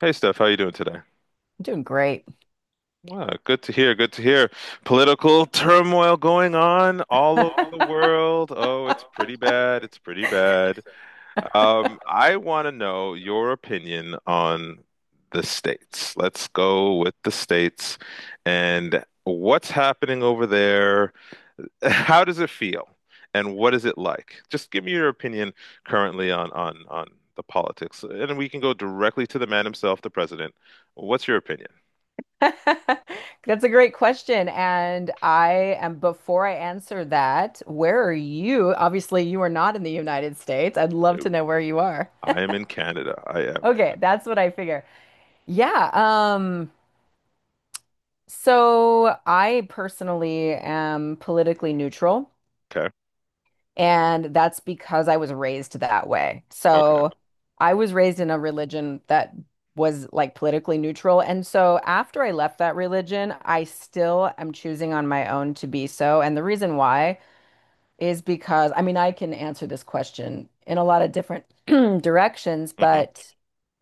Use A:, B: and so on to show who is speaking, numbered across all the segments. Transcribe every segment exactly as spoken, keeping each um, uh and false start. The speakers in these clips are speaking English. A: Hey Steph, how you doing today?
B: I'm doing great.
A: Ah, good to hear. Good to hear. Political turmoil going on all over the world. Oh, it's pretty bad. It's pretty bad. Um, I want to know your opinion on the states. Let's go with the states and what's happening over there. How does it feel? And what is it like? Just give me your opinion currently on on on the politics, and we can go directly to the man himself, the president. What's your opinion?
B: That's a great question. And I am, before I answer that, where are you? Obviously, you are not in the United States. I'd love to know where you are.
A: I am in Canada. I am.
B: Okay, that's what I figure. Yeah, um, so I personally am politically neutral.
A: Okay.
B: And that's because I was raised that way.
A: Okay.
B: So I was raised in a religion that was like politically neutral. And so after I left that religion, I still am choosing on my own to be so. And the reason why is because, I mean, I can answer this question in a lot of different directions,
A: Hmm.
B: but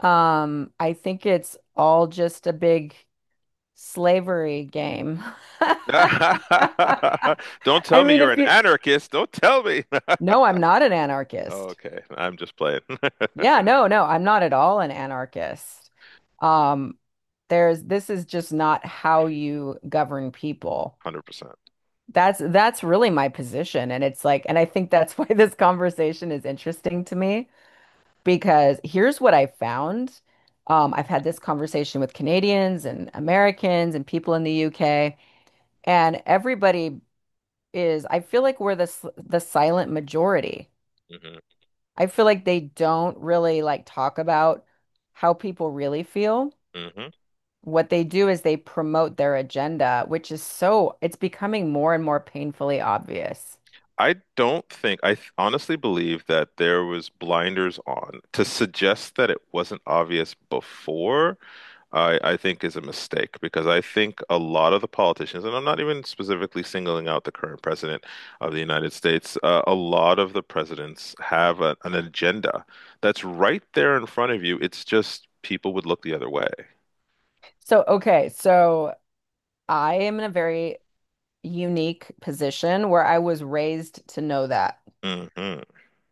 B: um, I think it's all just a big slavery game.
A: Don't
B: I
A: tell me
B: mean,
A: you're
B: if
A: an
B: you,
A: anarchist. Don't tell me.
B: no, I'm not an anarchist.
A: Okay. I'm just playing.
B: Yeah, no, no, I'm not at all an anarchist. Um, there's this is just not how you govern people.
A: one hundred percent.
B: That's that's really my position. And it's like, and I think that's why this conversation is interesting to me because here's what I found. Um, I've had this conversation with Canadians and Americans and people in the U K, and everybody is, I feel like we're the s- the silent majority.
A: Hmm.
B: I feel like they don't really like talk about how people really feel.
A: Hmm.
B: What they do is they promote their agenda, which is so, it's becoming more and more painfully obvious.
A: I don't think, I th- honestly believe that there was blinders on to suggest that it wasn't obvious before. I, I think is a mistake because I think a lot of the politicians, and I'm not even specifically singling out the current president of the United States, uh, a lot of the presidents have a, an agenda that's right there in front of you. It's just people would look the other way.
B: So, okay, so I am in a very unique position where I was raised to know that
A: Hmm.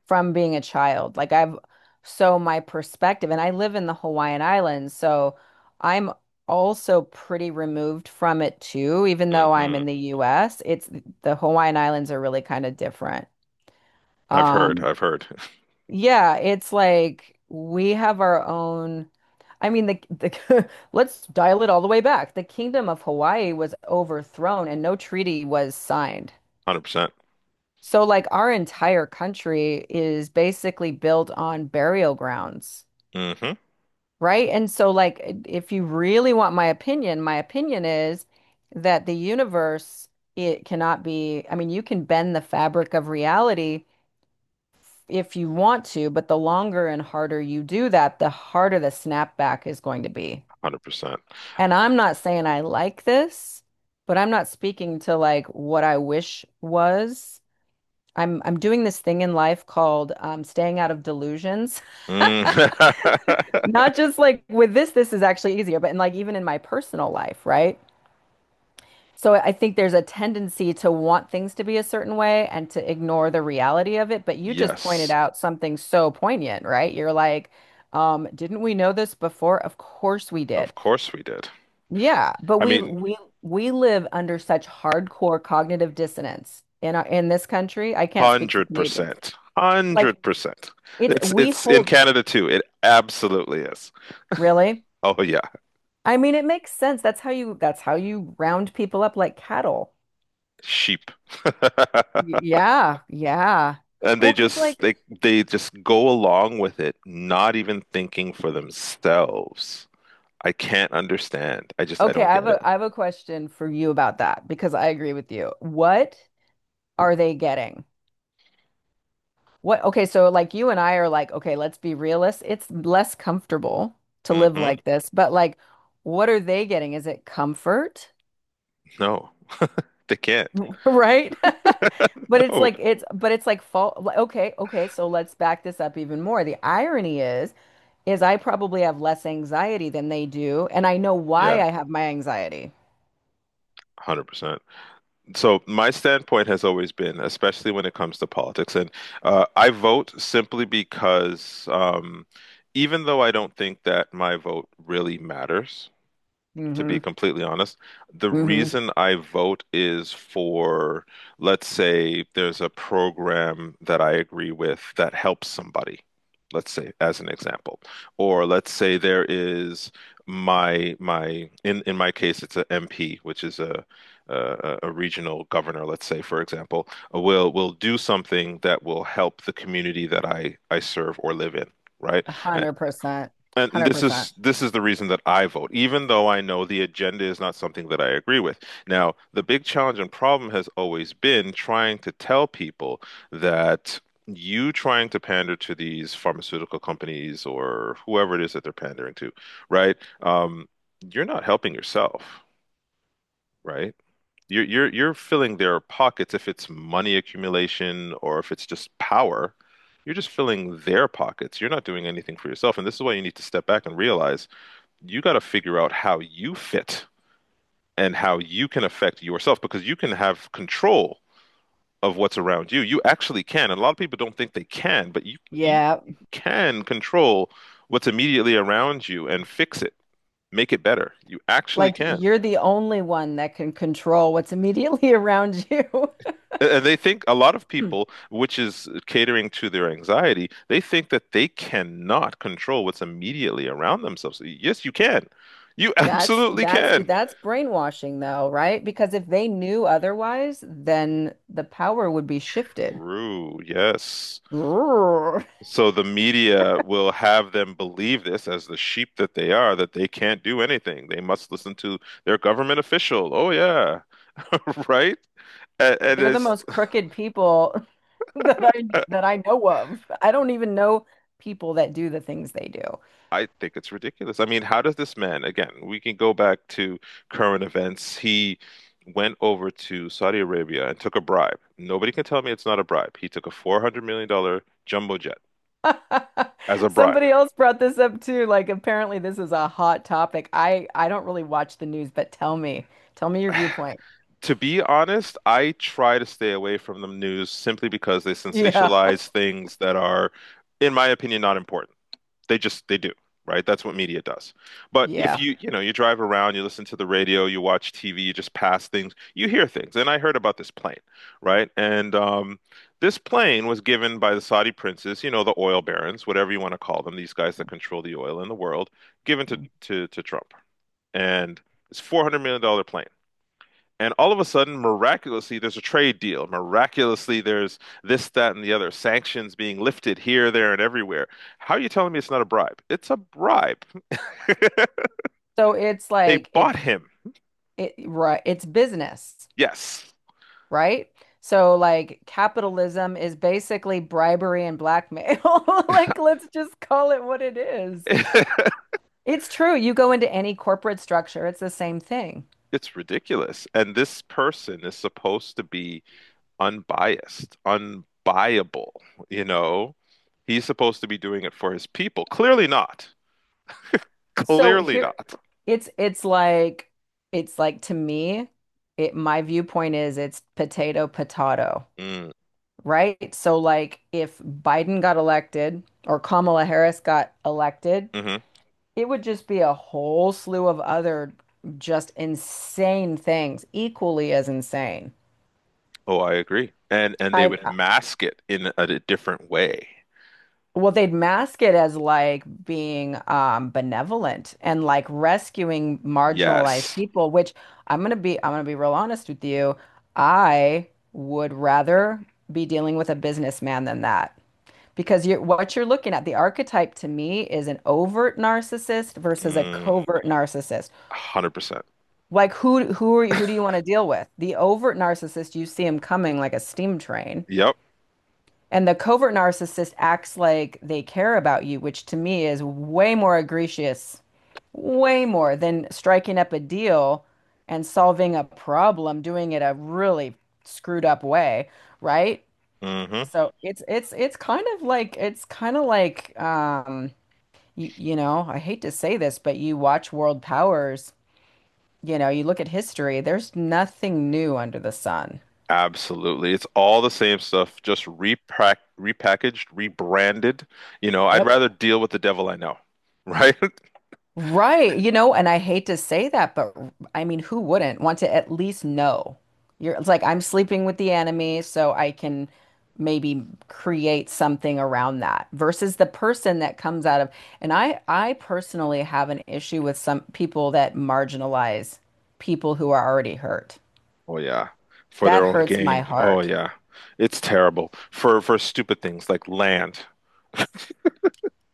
B: from being a child. Like I've so my perspective, and I live in the Hawaiian Islands, so I'm also pretty removed from it too, even though I'm
A: Hmm.
B: in the U S. It's the Hawaiian Islands are really kind of different.
A: I've heard,
B: Um,
A: I've heard,
B: yeah, it's like we have our own. I mean, the, the let's dial it all the way back. The Kingdom of Hawaii was overthrown and no treaty was signed.
A: one hundred percent.
B: So, like, our entire country is basically built on burial grounds,
A: Hmm.
B: right? And so, like, if you really want my opinion, my opinion is that the universe, it cannot be, I mean, you can bend the fabric of reality if you want to, but the longer and harder you do that, the harder the snapback is going to be.
A: one hundred percent.
B: And I'm not saying I like this, but I'm not speaking to like what I wish was. I'm I'm doing this thing in life called um, staying out of delusions.
A: Mm.
B: Not just like with this, this is actually easier, but in like even in my personal life, right? So I think there's a tendency to want things to be a certain way and to ignore the reality of it. But you just pointed
A: Yes,
B: out something so poignant, right? You're like, um, didn't we know this before? Of course we did.
A: of course we did.
B: Yeah, but
A: I
B: we
A: mean,
B: we we live under such hardcore cognitive dissonance in our in this country. I can't speak for
A: Hundred
B: Canadians.
A: percent. Hundred
B: Like
A: percent.
B: it's
A: It's
B: we
A: it's in
B: hold
A: Canada too. It absolutely is.
B: really?
A: Oh yeah,
B: I mean, it makes sense. That's how you that's how you round people up like cattle.
A: sheep.
B: Y- Yeah, yeah.
A: And they
B: Well, 'cause
A: just
B: like,
A: they they just go along with it, not even thinking for themselves. I can't understand. I just I
B: okay,
A: don't
B: I have
A: get it.
B: a I have a question for you about that because I agree with you. What are they getting? What, okay, so like you and I are like, okay, let's be realists. It's less comfortable to live
A: Hmm.
B: like this, but like, what are they getting? Is it comfort?
A: No, they can't.
B: Right? But it's
A: No.
B: like it's but it's like fault. Like, okay, okay, so let's back this up even more. The irony is is I probably have less anxiety than they do, and I know why
A: Yeah,
B: I have my anxiety.
A: one hundred percent. So my standpoint has always been, especially when it comes to politics, and uh, I vote simply because um, even though I don't think that my vote really matters, to
B: Mm-hmm.
A: be completely honest. The
B: Mm-hmm.
A: reason I vote is for, let's say, there's a program that I agree with that helps somebody, let's say, as an example. Or let's say there is my my in in my case, it's a M P, which is a a, a regional governor, let's say, for example, will will do something that will help the community that I I serve or live in. Right. A-
B: one hundred percent.
A: and this
B: one hundred percent.
A: is this is the reason that I vote, even though I know the agenda is not something that I agree with. Now, the big challenge and problem has always been trying to tell people that you trying to pander to these pharmaceutical companies or whoever it is that they're pandering to, right? Um, you're not helping yourself, right? You're you're you're filling their pockets if it's money accumulation or if it's just power. You're just filling their pockets. You're not doing anything for yourself. And this is why you need to step back and realize you got to figure out how you fit and how you can affect yourself because you can have control of what's around you. You actually can. And a lot of people don't think they can, but you you
B: Yeah.
A: can control what's immediately around you and fix it, make it better. You actually
B: Like
A: can.
B: you're the only one that can control what's immediately around you.
A: And they think a lot of people, which is catering to their anxiety, they think that they cannot control what's immediately around themselves. Yes, you can. You
B: That's
A: absolutely
B: that's
A: can.
B: that's brainwashing though, right? Because if they knew otherwise, then the power would be shifted.
A: True. Yes. So the media will have them believe this as the sheep that they are, that they can't do anything. They must listen to their government official. Oh yeah, right? And, and
B: They're the
A: it's,
B: most crooked people that I that I know of. I don't even know people that do the things they do.
A: I think it's ridiculous. I mean, how does this man, again, we can go back to current events. He went over to Saudi Arabia and took a bribe. Nobody can tell me it's not a bribe. He took a four hundred million dollars jumbo jet as a bribe.
B: Somebody else brought this up too. Like apparently this is a hot topic. I I don't really watch the news, but tell me, tell me your viewpoint.
A: To be honest, I try to stay away from the news simply because they
B: Yeah.
A: sensationalize things that are, in my opinion, not important. They just they do, right? That's what media does. But if
B: Yeah.
A: you, you know, you drive around, you listen to the radio, you watch T V, you just pass things, you hear things. And I heard about this plane, right? And um, this plane was given by the Saudi princes, you know, the oil barons, whatever you want to call them, these guys that control the oil in the world, given to to to Trump. And it's four hundred million dollar plane. And all of a sudden, miraculously, there's a trade deal. Miraculously, there's this, that, and the other. Sanctions being lifted here, there, and everywhere. How are you telling me it's not a bribe? It's a bribe.
B: So it's
A: They
B: like
A: bought
B: it's
A: him.
B: it right, it's business,
A: Yes.
B: right? So like capitalism is basically bribery and blackmail. Like let's just call it what it is. It's true. You go into any corporate structure, it's the same thing.
A: It's ridiculous. And this person is supposed to be unbiased, unbuyable, you know? He's supposed to be doing it for his people. Clearly not.
B: So
A: Clearly
B: here
A: not.
B: it's it's like it's like to me, it my viewpoint is it's potato potato,
A: Mm,
B: right? So like if Biden got elected or Kamala Harris got elected,
A: mhm.
B: it would just be a whole slew of other just insane things, equally as insane.
A: Oh, I agree. And and they
B: I
A: would mask it in a, a different way.
B: well, they'd mask it as like being um, benevolent and like rescuing marginalized
A: Yes.
B: people, which I'm gonna be I'm gonna be real honest with you. I would rather be dealing with a businessman than that. Because you're, what you're looking at, the archetype to me is an overt narcissist versus a
A: Mm,
B: covert narcissist.
A: one hundred percent.
B: Like who who are you, who do you want to deal with? The overt narcissist, you see him coming like a steam train.
A: Yep.
B: And the covert narcissist acts like they care about you, which to me is way more egregious, way more than striking up a deal and solving a problem, doing it a really screwed up way, right?
A: Hmm.
B: So it's it's it's kind of like it's kind of like um you you know, I hate to say this, but you watch world powers, you know, you look at history, there's nothing new under the sun.
A: Absolutely. It's all the same stuff, just repack repackaged, rebranded. You know, I'd
B: Yep.
A: rather deal with the devil I know, right?
B: Right, you know, and I hate to say that, but I mean, who wouldn't want to at least know? You're it's like I'm sleeping with the enemy, so I can maybe create something around that versus the person that comes out of, and I I personally have an issue with some people that marginalize people who are already hurt.
A: Oh yeah. For
B: That
A: their own
B: hurts my
A: gain. Oh
B: heart.
A: yeah. It's terrible. For for stupid things like land.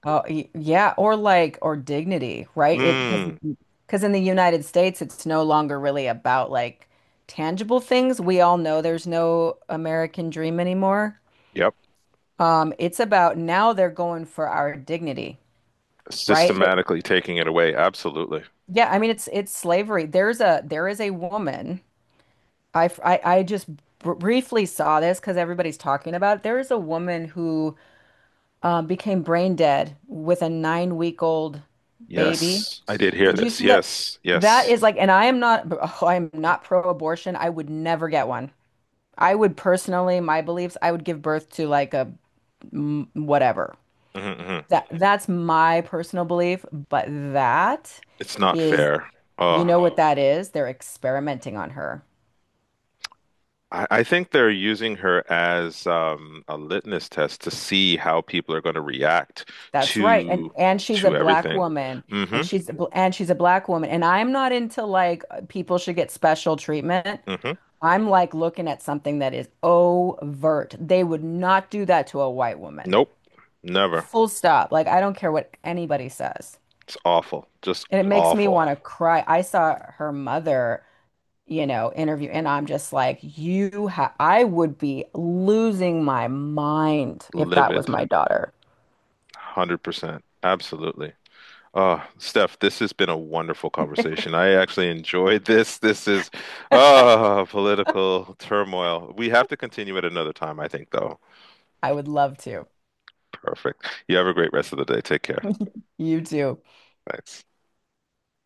B: Oh, y- yeah, or like or dignity, right? It because
A: Mm.
B: because in the United States, it's no longer really about like tangible things. We all know there's no American dream anymore.
A: Yep.
B: Um, it's about now they're going for our dignity, right? Th-
A: Systematically taking it away. Absolutely.
B: yeah, I mean it's it's slavery. There's a there is a woman. I f- I, I just br briefly saw this because everybody's talking about it. There is a woman who um, became brain dead with a nine week old baby.
A: Yes. I did hear this. Yes.
B: That
A: Yes.
B: is like, and I am not, oh, I am not pro-abortion. I would never get one. I would personally, my beliefs, I would give birth to like a m- whatever.
A: Hmm.
B: That that's my personal belief, but that
A: It's not
B: is,
A: fair.
B: you
A: Oh.
B: know what that is? They're experimenting on her.
A: I, I think they're using her as um, a litmus test to see how people are going to react
B: That's right. And
A: to
B: and she's a
A: to
B: black
A: everything.
B: woman
A: Hmm.
B: and she's a bl- and she's a black woman and I'm not into like uh, people should get special treatment.
A: Hmm.
B: I'm like looking at something that is overt. They would not do that to a white woman.
A: Nope. Never.
B: Full stop. Like, I don't care what anybody says.
A: It's awful. Just
B: And it makes me
A: awful.
B: want to cry. I saw her mother, you know, interview, and I'm just like, you ha I would be losing my mind if that was
A: Livid.
B: my daughter.
A: one hundred percent. Absolutely. Oh, Steph, this has been a wonderful conversation. I actually enjoyed this. This is oh, political turmoil. We have to continue at another time, I think, though.
B: I would love to.
A: Perfect. You have a great rest of the day. Take care.
B: You too.
A: Thanks.